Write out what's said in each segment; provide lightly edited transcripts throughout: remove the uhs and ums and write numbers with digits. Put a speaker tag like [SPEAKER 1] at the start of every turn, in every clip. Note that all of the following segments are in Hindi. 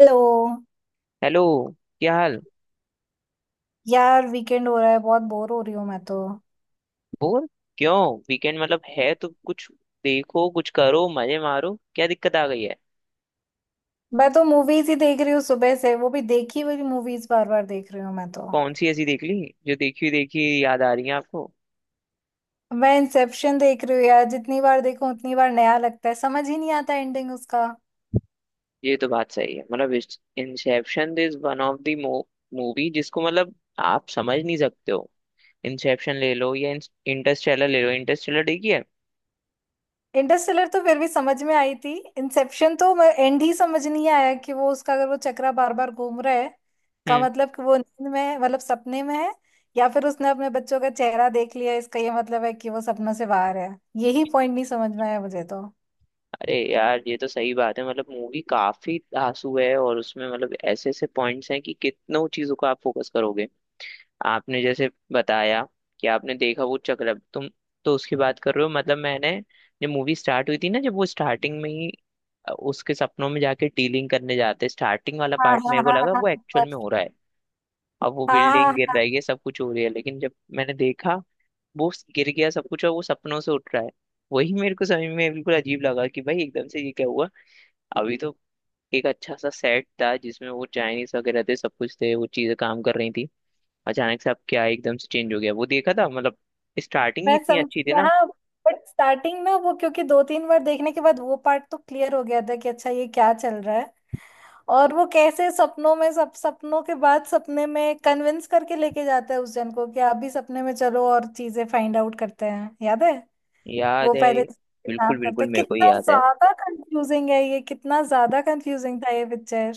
[SPEAKER 1] हेलो।
[SPEAKER 2] हेलो। क्या हाल।
[SPEAKER 1] यार वीकेंड हो रहा है, बहुत बोर हो रही हूँ मैं तो।
[SPEAKER 2] बोर क्यों? वीकेंड मतलब है तो कुछ देखो, कुछ करो, मजे मारो। क्या दिक्कत आ गई है?
[SPEAKER 1] मूवीज ही देख रही हूँ सुबह से, वो भी देखी हुई मूवीज बार बार देख रही हूँ मैं तो।
[SPEAKER 2] कौन सी ऐसी देख ली जो देखी हुई याद आ रही है आपको?
[SPEAKER 1] मैं इंसेप्शन देख रही हूँ यार, जितनी बार देखूं उतनी बार नया लगता है। समझ ही नहीं आता एंडिंग उसका।
[SPEAKER 2] ये तो बात सही है मतलब। Inception is one of the movie जिसको मतलब आप समझ नहीं सकते हो। इंसेप्शन ले लो या इंटरस्टेलर ले लो। इंटरस्टेलर देखी है?
[SPEAKER 1] इंटरस्टेलर तो फिर भी समझ में आई थी, इंसेप्शन तो एंड ही समझ नहीं आया कि वो उसका, अगर वो चक्रा बार बार घूम रहा है का
[SPEAKER 2] हम्म।
[SPEAKER 1] मतलब कि वो नींद में है, मतलब सपने में है, या फिर उसने अपने बच्चों का चेहरा देख लिया इसका ये मतलब है कि वो सपनों से बाहर है। यही पॉइंट नहीं समझ में आया मुझे तो।
[SPEAKER 2] अरे यार ये तो सही बात है मतलब। मूवी काफी धांसू है और उसमें मतलब ऐसे ऐसे पॉइंट्स हैं कि कितनों चीजों को आप फोकस करोगे। आपने जैसे बताया कि आपने देखा वो चक्रम, तुम तो उसकी बात कर रहे हो। मतलब मैंने, जब मूवी स्टार्ट हुई थी ना, जब वो स्टार्टिंग में ही उसके सपनों में जाके डीलिंग करने जाते, स्टार्टिंग वाला
[SPEAKER 1] हाँ,
[SPEAKER 2] पार्ट
[SPEAKER 1] हाँ,
[SPEAKER 2] मेरे को
[SPEAKER 1] हाँ,
[SPEAKER 2] लगा
[SPEAKER 1] हाँ,
[SPEAKER 2] वो एक्चुअल
[SPEAKER 1] हाँ।
[SPEAKER 2] में हो रहा है। अब वो
[SPEAKER 1] हाँ, हाँ,
[SPEAKER 2] बिल्डिंग गिर रही
[SPEAKER 1] हाँ।
[SPEAKER 2] है, सब कुछ हो रही है, लेकिन जब मैंने देखा वो गिर गया सब कुछ और वो सपनों से उठ रहा है, वही मेरे को समझ में बिल्कुल अजीब लगा कि भाई एकदम से ये क्या हुआ। अभी तो एक अच्छा सा सेट था जिसमें वो चाइनीस वगैरह थे, सब कुछ थे, वो चीजें काम कर रही थी। अचानक से अब क्या एकदम से चेंज हो गया? वो देखा था मतलब, स्टार्टिंग ही
[SPEAKER 1] मैं
[SPEAKER 2] इतनी
[SPEAKER 1] समझ।
[SPEAKER 2] अच्छी थी ना।
[SPEAKER 1] हाँ, बट स्टार्टिंग में वो, क्योंकि दो तीन बार देखने के बाद वो पार्ट तो क्लियर हो गया था कि अच्छा ये क्या चल रहा है, और वो कैसे सपनों में, सब सपनों के बाद सपने में कन्विंस करके लेके जाता है उस जन को कि आप भी सपने में चलो और चीजें फाइंड आउट करते हैं, याद है?
[SPEAKER 2] याद
[SPEAKER 1] वो
[SPEAKER 2] है
[SPEAKER 1] पहले
[SPEAKER 2] ये। बिल्कुल
[SPEAKER 1] किडनैप करता
[SPEAKER 2] बिल्कुल
[SPEAKER 1] है।
[SPEAKER 2] मेरे को ही
[SPEAKER 1] कितना
[SPEAKER 2] याद है।
[SPEAKER 1] ज्यादा कंफ्यूजिंग है ये, कितना ज्यादा कंफ्यूजिंग था ये पिक्चर।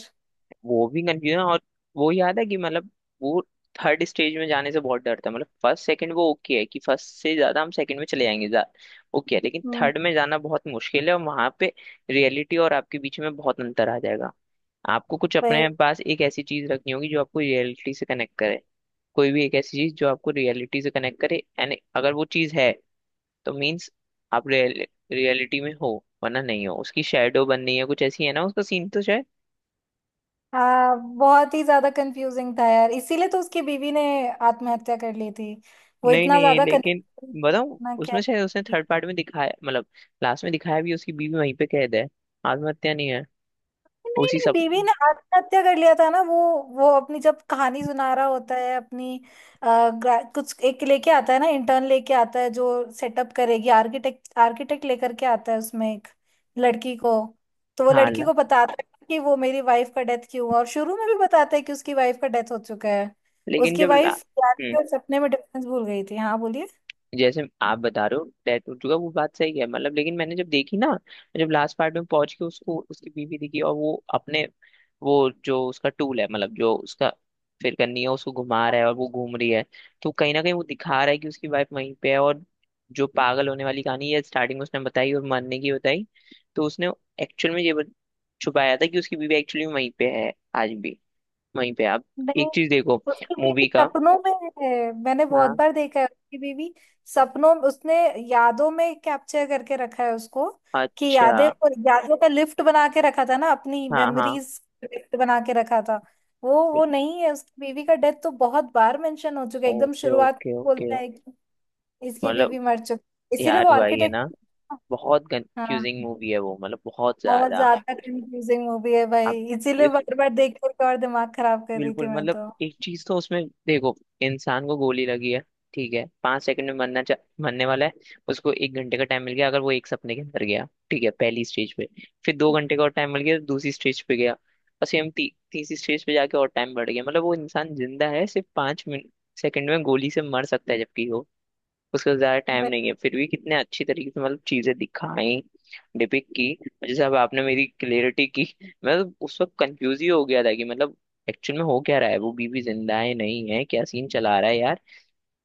[SPEAKER 2] वो भी कंफ्यूजन, और वो याद है कि मतलब वो थर्ड स्टेज में जाने से बहुत डरता है, मतलब फर्स्ट सेकंड वो ओके है कि फर्स्ट से ज्यादा हम सेकंड में चले जाएंगे, ओके है। लेकिन
[SPEAKER 1] हम्म।
[SPEAKER 2] थर्ड में जाना बहुत मुश्किल है, और वहां पे रियलिटी और आपके बीच में बहुत अंतर आ जाएगा। आपको कुछ अपने पास एक ऐसी चीज रखनी होगी जो आपको रियलिटी से कनेक्ट करे। कोई भी एक ऐसी चीज जो आपको रियलिटी से कनेक्ट करे, एंड अगर वो चीज है तो मीन्स आप रियलिटी में हो, वरना नहीं हो, उसकी शेडो बननी है। कुछ ऐसी है ना उसका सीन तो शायद।
[SPEAKER 1] हाँ, बहुत ही ज्यादा कंफ्यूजिंग था यार, इसीलिए तो उसकी बीवी ने आत्महत्या कर ली थी। वो
[SPEAKER 2] नहीं
[SPEAKER 1] इतना
[SPEAKER 2] नहीं है,
[SPEAKER 1] ज्यादा
[SPEAKER 2] लेकिन
[SPEAKER 1] कंफ्यूज।
[SPEAKER 2] बताऊं,
[SPEAKER 1] ना क्या।
[SPEAKER 2] उसमें शायद उसने थर्ड पार्ट में दिखाया, मतलब लास्ट में दिखाया भी, उसकी बीवी वहीं पे कैद है, आत्महत्या नहीं है।
[SPEAKER 1] नहीं
[SPEAKER 2] उसी
[SPEAKER 1] नहीं,
[SPEAKER 2] सब।
[SPEAKER 1] बीवी ने आत्महत्या कर लिया था ना। वो अपनी जब कहानी सुना रहा होता है अपनी, ग्रा- कुछ एक लेके आता है ना, इंटर्न लेके आता है जो सेटअप करेगी। आर्किटेक्ट, आर्किटेक्ट लेकर के आता है, उसमें एक लड़की को। तो वो
[SPEAKER 2] हाँ
[SPEAKER 1] लड़की को बताता है कि वो मेरी वाइफ का डेथ क्यों हुआ, और शुरू में भी बताता है कि उसकी वाइफ का डेथ हो चुका है।
[SPEAKER 2] लेकिन
[SPEAKER 1] उसकी
[SPEAKER 2] जब ला
[SPEAKER 1] वाइफ सपने में डिफरेंस भूल गई थी। हाँ, बोलिए।
[SPEAKER 2] जैसे आप बता रहे हो डेथ हो चुका, वो बात सही है मतलब, लेकिन मैंने जब देखी ना, जब लास्ट पार्ट में पहुंच के उसको उसकी बीवी दिखी, और वो अपने, वो जो उसका टूल है मतलब, जो उसका फिर करनी है उसको घुमा रहा है और वो घूम रही है, तो कहीं ना कहीं वो दिखा रहा है कि उसकी वाइफ वहीं पे है। और जो पागल होने वाली कहानी है स्टार्टिंग में उसने बताई और मरने की बताई, तो उसने एक्चुअल में ये छुपाया था कि उसकी बीवी एक्चुअली वहीं पे है आज भी, वहीं पे है। अब
[SPEAKER 1] नहीं,
[SPEAKER 2] एक चीज देखो,
[SPEAKER 1] उसकी बीवी
[SPEAKER 2] मूवी का।
[SPEAKER 1] सपनों में है, मैंने बहुत
[SPEAKER 2] हाँ।
[SPEAKER 1] बार देखा है। उसकी बीवी सपनों, उसने यादों में कैप्चर करके रखा है उसको, कि
[SPEAKER 2] अच्छा।
[SPEAKER 1] यादें, यादों का लिफ्ट बना के रखा था ना, अपनी
[SPEAKER 2] हाँ हाँ।
[SPEAKER 1] मेमोरीज लिफ्ट बना के रखा था। वो नहीं है। उसकी बीवी का डेथ तो बहुत बार मेंशन हो चुका है। एकदम
[SPEAKER 2] ओके
[SPEAKER 1] शुरुआत में
[SPEAKER 2] ओके ओके।
[SPEAKER 1] बोलता है कि इसकी
[SPEAKER 2] मतलब
[SPEAKER 1] बीवी मर चुकी, इसीलिए वो
[SPEAKER 2] यार भाई है ना,
[SPEAKER 1] आर्किटेक्ट।
[SPEAKER 2] बहुत
[SPEAKER 1] हाँ,
[SPEAKER 2] कंफ्यूजिंग मूवी है वो मतलब, बहुत
[SPEAKER 1] बहुत
[SPEAKER 2] ज्यादा।
[SPEAKER 1] ज्यादा कंफ्यूजिंग मूवी है भाई,
[SPEAKER 2] अब
[SPEAKER 1] इसीलिए
[SPEAKER 2] इस
[SPEAKER 1] बार बार देख करके और दिमाग खराब कर रही थी
[SPEAKER 2] बिल्कुल
[SPEAKER 1] मैं
[SPEAKER 2] मतलब
[SPEAKER 1] तो।
[SPEAKER 2] एक चीज तो उसमें देखो, इंसान को गोली लगी है ठीक है, 5 सेकंड में मरने वाला है, उसको 1 घंटे का टाइम मिल गया अगर वो एक सपने के अंदर गया, ठीक है, पहली स्टेज पे। फिर 2 घंटे का और टाइम मिल गया, दूसरी स्टेज पे गया, और सेम तीसरी स्टेज पे जाके और टाइम बढ़ गया, मतलब वो इंसान जिंदा है सिर्फ 5 मिनट, सेकंड में गोली से मर सकता है, जबकि वो, उसके पास ज्यादा टाइम नहीं है, फिर भी कितने अच्छी तरीके से मतलब चीजें दिखाई, डिपिक्ट की। जैसे अब आपने मेरी क्लियरिटी की मैं तो उस वक्त कंफ्यूज ही हो गया था कि मतलब एक्चुअल में हो क्या रहा है, वो बीवी जिंदा है नहीं है, क्या सीन चला रहा है यार।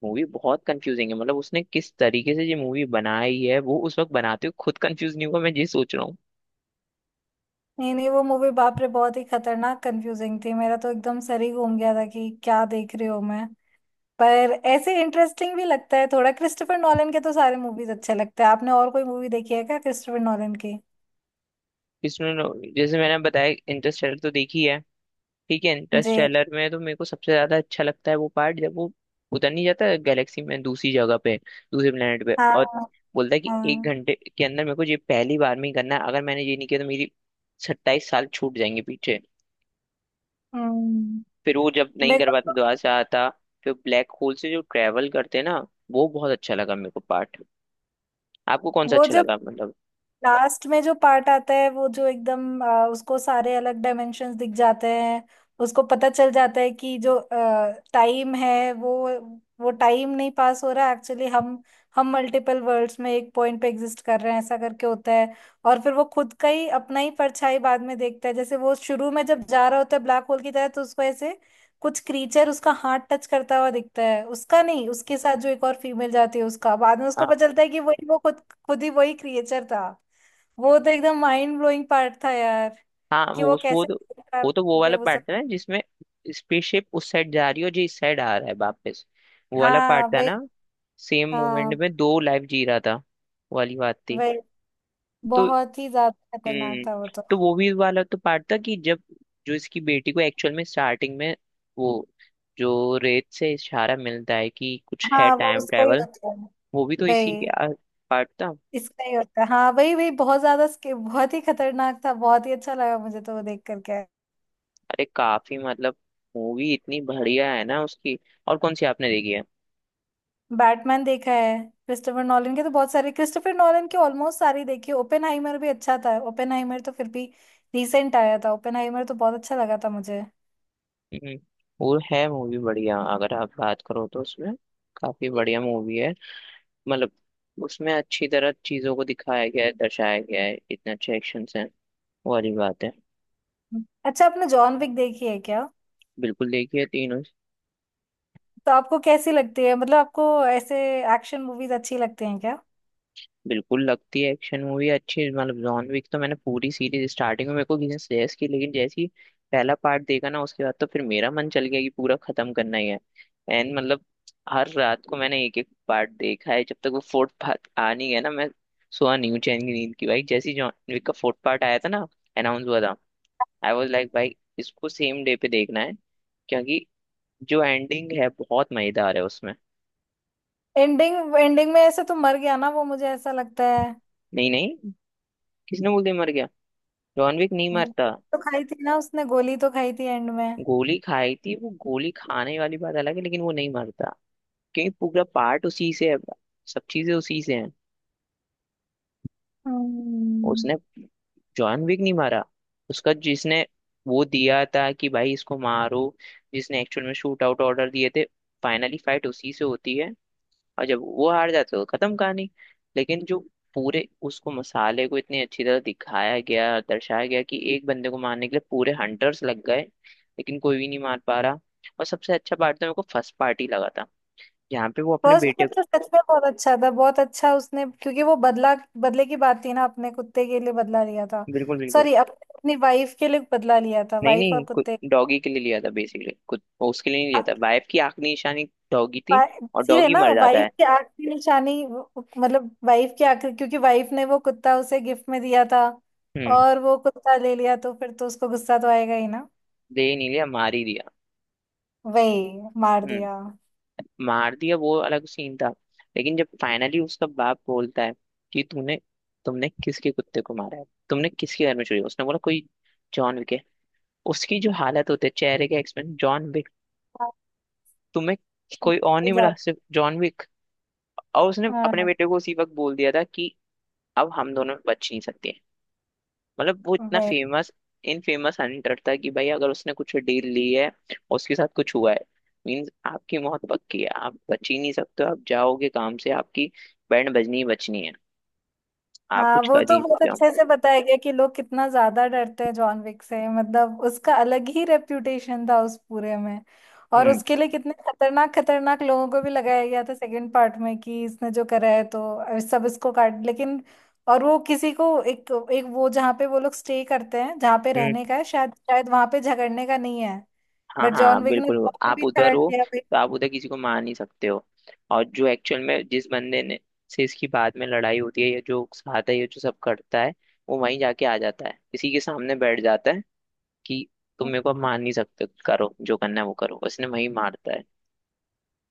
[SPEAKER 2] मूवी बहुत कंफ्यूजिंग है, मतलब उसने किस तरीके से ये मूवी बनाई है, वो उस वक्त बनाते हुए खुद कंफ्यूज नहीं हुआ, मैं ये सोच रहा हूँ।
[SPEAKER 1] नहीं नहीं, वो मूवी बाप रे बहुत ही खतरनाक कंफ्यूजिंग थी। मेरा तो एकदम सर ही घूम गया था कि क्या देख रही हूँ मैं। पर ऐसे इंटरेस्टिंग भी लगता है थोड़ा। क्रिस्टोफर नॉलन के तो सारे मूवीज अच्छे लगते हैं। आपने और कोई मूवी देखी है क्या क्रिस्टोफर नॉलन की?
[SPEAKER 2] इसमें जैसे मैंने बताया, इंटरस्टेलर तो देखी है ठीक है,
[SPEAKER 1] जी।
[SPEAKER 2] इंटरस्टेलर में तो मेरे को सबसे ज्यादा अच्छा लगता है वो पार्ट, जब वो उतर नहीं जाता गैलेक्सी में दूसरी जगह पे, दूसरे प्लेनेट पे,
[SPEAKER 1] हाँ,
[SPEAKER 2] और
[SPEAKER 1] हाँ।
[SPEAKER 2] बोलता है कि एक
[SPEAKER 1] हाँ,
[SPEAKER 2] घंटे के अंदर मेरे को ये पहली बार में ही करना है, अगर मैंने ये नहीं किया तो मेरी 27 साल छूट जाएंगे पीछे।
[SPEAKER 1] हम्म।
[SPEAKER 2] फिर वो जब नहीं
[SPEAKER 1] मेरे
[SPEAKER 2] कर पाता,
[SPEAKER 1] को तो
[SPEAKER 2] दोबारा से आता, फिर ब्लैक होल से जो ट्रेवल करते हैं ना, वो बहुत अच्छा लगा मेरे को पार्ट। आपको कौन सा
[SPEAKER 1] वो
[SPEAKER 2] अच्छा
[SPEAKER 1] जो
[SPEAKER 2] लगा मतलब?
[SPEAKER 1] लास्ट में जो पार्ट आता है, वो जो एकदम उसको सारे अलग डायमेंशंस दिख जाते हैं। उसको पता चल जाता है कि जो टाइम है वो टाइम नहीं पास हो रहा एक्चुअली। हम मल्टीपल वर्ल्ड्स में एक पॉइंट पे एग्जिस्ट कर रहे हैं ऐसा करके होता है। और फिर वो खुद का ही, अपना ही परछाई बाद में देखता है। जैसे वो शुरू में जब जा रहा होता है ब्लैक होल की तरह, तो उसको ऐसे कुछ क्रीचर उसका हाथ टच करता हुआ दिखता है, उसका नहीं, उसके साथ जो एक और फीमेल जाती है उसका। बाद में उसको
[SPEAKER 2] हाँ।
[SPEAKER 1] पता चलता है कि वही वो खुद, खुद ही वही क्रिएचर था। वो तो एकदम माइंड ब्लोइंग पार्ट था यार,
[SPEAKER 2] हाँ,
[SPEAKER 1] कि वो कैसे
[SPEAKER 2] वो
[SPEAKER 1] के
[SPEAKER 2] वाला
[SPEAKER 1] वो सब।
[SPEAKER 2] पार्ट था ना जिसमें स्पेसशिप उस साइड जा रही है और जी इस साइड आ रहा है वापस, वो वाला
[SPEAKER 1] हाँ
[SPEAKER 2] पार्ट था
[SPEAKER 1] भाई।
[SPEAKER 2] ना। सेम मूवमेंट
[SPEAKER 1] हाँ
[SPEAKER 2] में दो लाइफ जी रहा था, वो वाली बात थी।
[SPEAKER 1] भाई,
[SPEAKER 2] तो
[SPEAKER 1] बहुत ही ज्यादा खतरनाक
[SPEAKER 2] हम्म
[SPEAKER 1] था वो तो।
[SPEAKER 2] तो वो भी वाला तो पार्ट था कि जब, जो इसकी बेटी को एक्चुअल में स्टार्टिंग में वो जो रेत से इशारा मिलता है कि कुछ है
[SPEAKER 1] हाँ, वो
[SPEAKER 2] टाइम
[SPEAKER 1] उसका ही
[SPEAKER 2] ट्रेवल,
[SPEAKER 1] होता है
[SPEAKER 2] वो भी तो
[SPEAKER 1] भाई,
[SPEAKER 2] इसी के पार्ट था।
[SPEAKER 1] इसका ही होता है। हाँ भाई, भाई बहुत ज्यादा स्के-, बहुत ही खतरनाक था। बहुत ही अच्छा लगा मुझे तो वो देख करके।
[SPEAKER 2] अरे काफी मतलब, मूवी इतनी बढ़िया है ना उसकी। और कौन सी आपने देखी है?
[SPEAKER 1] बैटमैन देखा है, क्रिस्टोफर नॉलन के तो बहुत सारे, क्रिस्टोफर नॉलन के ऑलमोस्ट सारे देखी। ओपेनहाइमर भी अच्छा था, ओपेनहाइमर तो फिर भी रिसेंट आया था। ओपेनहाइमर तो बहुत अच्छा लगा था मुझे।
[SPEAKER 2] हम्म, वो है मूवी बढ़िया, अगर आप बात करो तो उसमें काफी बढ़िया मूवी है, मतलब उसमें अच्छी तरह चीजों को दिखाया गया है, दर्शाया गया है, इतने अच्छे एक्शन हैं, वो वाली बात है।
[SPEAKER 1] अच्छा, आपने जॉन विक देखी है क्या?
[SPEAKER 2] बिल्कुल, देखिए तीनों।
[SPEAKER 1] तो आपको कैसी लगती है? मतलब आपको ऐसे एक्शन मूवीज अच्छी लगती हैं क्या?
[SPEAKER 2] बिल्कुल लगती है एक्शन मूवी अच्छी, मतलब जॉन विक तो मैंने पूरी सीरीज, स्टार्टिंग में मेरे को किसी ने सजेस्ट की, लेकिन जैसे ही पहला पार्ट देखा ना, उसके बाद तो फिर मेरा मन चल गया कि पूरा खत्म करना ही है। एंड मतलब हर रात को मैंने एक एक पार्ट देखा है, जब तक वो फोर्थ पार्ट आ नहीं गया ना मैं सोया नहीं हूँ चैन की नींद की, भाई जैसे ही जॉन विक का फोर्थ पार्ट आया था ना, अनाउंस हुआ था, आई वॉज लाइक भाई इसको सेम डे पे देखना है, क्योंकि जो एंडिंग है बहुत मजेदार है उसमें।
[SPEAKER 1] एंडिंग, एंडिंग में ऐसे तो मर गया ना वो, मुझे ऐसा लगता है।
[SPEAKER 2] नहीं नहीं, किसने बोल दिया मर गया? जॉन विक नहीं
[SPEAKER 1] वो
[SPEAKER 2] मरता।
[SPEAKER 1] तो खाई थी ना, उसने गोली तो खाई थी एंड में।
[SPEAKER 2] गोली खाई थी, वो गोली खाने वाली बात अलग है, लेकिन वो नहीं मरता, क्योंकि पूरा पार्ट उसी से है, सब चीजें उसी से हैं।
[SPEAKER 1] हम्म।
[SPEAKER 2] उसने जॉन विक नहीं मारा, उसका जिसने वो दिया था कि भाई इसको मारो, जिसने एक्चुअल में शूट आउट ऑर्डर दिए थे, फाइनली फाइट उसी से होती है, और जब वो हार जाते हो, खत्म कहानी। लेकिन जो पूरे उसको मसाले को इतनी अच्छी तरह दिखाया गया, दर्शाया गया, कि एक बंदे को मारने के लिए पूरे हंटर्स लग गए, लेकिन कोई भी नहीं मार पा रहा। और सबसे अच्छा पार्ट तो मेरे को फर्स्ट पार्ट ही लगा था, जहाँ पे वो अपने
[SPEAKER 1] फर्स्ट
[SPEAKER 2] बेटे
[SPEAKER 1] पार्ट
[SPEAKER 2] को।
[SPEAKER 1] तो सच में बहुत अच्छा था, बहुत अच्छा। उसने क्योंकि वो बदला, बदले की बात थी ना, अपने कुत्ते के लिए बदला लिया था।
[SPEAKER 2] बिल्कुल बिल्कुल।
[SPEAKER 1] सॉरी, अपनी वाइफ के लिए बदला लिया था,
[SPEAKER 2] नहीं
[SPEAKER 1] वाइफ और कुत्ते।
[SPEAKER 2] नहीं, डॉगी के लिए लिया था, बेसिकली कुछ, उसके लिए नहीं लिया था, वाइफ की आखिरी निशानी डॉगी थी, और
[SPEAKER 1] इसीलिए
[SPEAKER 2] डॉगी
[SPEAKER 1] ना,
[SPEAKER 2] मर जाता
[SPEAKER 1] वाइफ
[SPEAKER 2] है।
[SPEAKER 1] के आंख की आखिरी निशानी, मतलब वाइफ की आखिरी, क्योंकि वाइफ ने वो कुत्ता उसे गिफ्ट में दिया था।
[SPEAKER 2] हम्म।
[SPEAKER 1] और वो कुत्ता ले लिया तो फिर तो उसको गुस्सा तो आएगा ही ना।
[SPEAKER 2] दे ही नहीं लिया, मार ही दिया।
[SPEAKER 1] वही मार दिया।
[SPEAKER 2] हम्म। मार दिया, वो अलग सीन था, लेकिन जब फाइनली उसका बाप बोलता है कि तूने तुमने किसके कुत्ते को मारा है, तुमने किसके घर में चोरी, उसने बोला कोई, जॉन विक है। उसकी जो हालत होती है चेहरे के एक्सप्रेशन, जॉन विक,
[SPEAKER 1] हाँ,
[SPEAKER 2] तुम्हें कोई और
[SPEAKER 1] हो
[SPEAKER 2] नहीं मिला
[SPEAKER 1] जाता।
[SPEAKER 2] सिर्फ जॉन विक? और उसने अपने
[SPEAKER 1] हाँ,
[SPEAKER 2] बेटे को उसी वक्त बोल दिया था कि अब हम दोनों में बच नहीं सकते, मतलब वो इतना
[SPEAKER 1] वही।
[SPEAKER 2] फेमस, इन फेमस हंटर था कि भाई अगर उसने कुछ डील ली है और उसके साथ कुछ हुआ है, मीन्स आपकी मौत पक्की है, आप बच ही नहीं सकते हो, आप जाओगे काम से, आपकी बैंड बजनी ही बचनी है, आप
[SPEAKER 1] हाँ,
[SPEAKER 2] कुछ कर
[SPEAKER 1] वो
[SPEAKER 2] ही
[SPEAKER 1] तो
[SPEAKER 2] नहीं
[SPEAKER 1] बहुत
[SPEAKER 2] सकते हो।
[SPEAKER 1] अच्छे से बताया गया कि लोग कितना ज्यादा डरते हैं जॉन विक से। मतलब उसका अलग ही रेप्यूटेशन था उस पूरे में। और
[SPEAKER 2] हम्म।
[SPEAKER 1] उसके लिए कितने खतरनाक खतरनाक लोगों को भी लगाया गया था सेकंड पार्ट में, कि इसने जो करा है तो सब इसको काट लेकिन और वो किसी को एक एक, वो जहाँ पे वो लोग स्टे करते हैं, जहाँ पे
[SPEAKER 2] हम्म।
[SPEAKER 1] रहने का है, शायद शायद वहां पे झगड़ने का नहीं है।
[SPEAKER 2] हाँ
[SPEAKER 1] बट जॉन
[SPEAKER 2] हाँ
[SPEAKER 1] विक ने
[SPEAKER 2] बिल्कुल,
[SPEAKER 1] वहां पे भी
[SPEAKER 2] आप
[SPEAKER 1] झगड़
[SPEAKER 2] उधर हो
[SPEAKER 1] दिया भाई।
[SPEAKER 2] तो आप उधर किसी को मार नहीं सकते हो। और जो एक्चुअल में जिस बंदे ने से इसकी बाद में लड़ाई होती है, या जो साथ है या जो सब करता है, वो वहीं जाके आ जाता है, किसी के सामने बैठ जाता है कि तुम मेरे को अब मान नहीं सकते, करो जो करना है वो करो, उसने वही मारता है,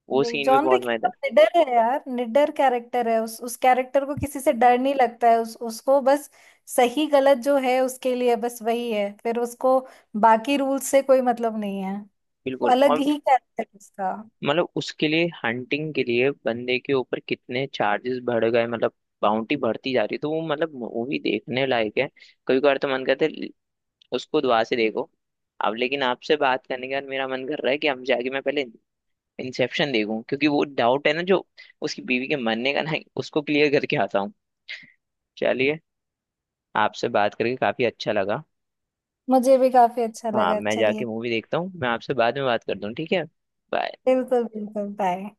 [SPEAKER 2] वो
[SPEAKER 1] वही
[SPEAKER 2] सीन भी
[SPEAKER 1] जॉन भी
[SPEAKER 2] बहुत मजेदार
[SPEAKER 1] कितना
[SPEAKER 2] है।
[SPEAKER 1] निडर है यार, निडर कैरेक्टर है। उस कैरेक्टर को किसी से डर नहीं लगता है। उस उसको बस सही गलत जो है उसके लिए बस वही है, फिर उसको बाकी रूल्स से कोई मतलब नहीं है। वो
[SPEAKER 2] बिल्कुल।
[SPEAKER 1] अलग
[SPEAKER 2] और
[SPEAKER 1] ही कैरेक्टर उसका।
[SPEAKER 2] मतलब उसके लिए हंटिंग के लिए बंदे के ऊपर कितने चार्जेस बढ़ गए, मतलब बाउंटी बढ़ती जा रही है, तो वो मतलब मूवी देखने लायक है। कभी कभार तो मन करता है उसको दुआ से देखो। अब लेकिन आपसे बात करने के बाद मेरा मन कर रहा है कि हम जाके मैं पहले इंसेप्शन देखूं, क्योंकि वो डाउट है ना जो उसकी बीवी के मरने का ना, उसको क्लियर करके आता हूँ। चलिए, आपसे बात करके काफी अच्छा लगा।
[SPEAKER 1] मुझे भी काफी अच्छा
[SPEAKER 2] हाँ
[SPEAKER 1] लगा,
[SPEAKER 2] मैं जाके
[SPEAKER 1] चलिए।
[SPEAKER 2] मूवी देखता हूँ, मैं आपसे बाद में बात करता हूँ ठीक है। बाय।
[SPEAKER 1] बिल्कुल बिल्कुल, बाय।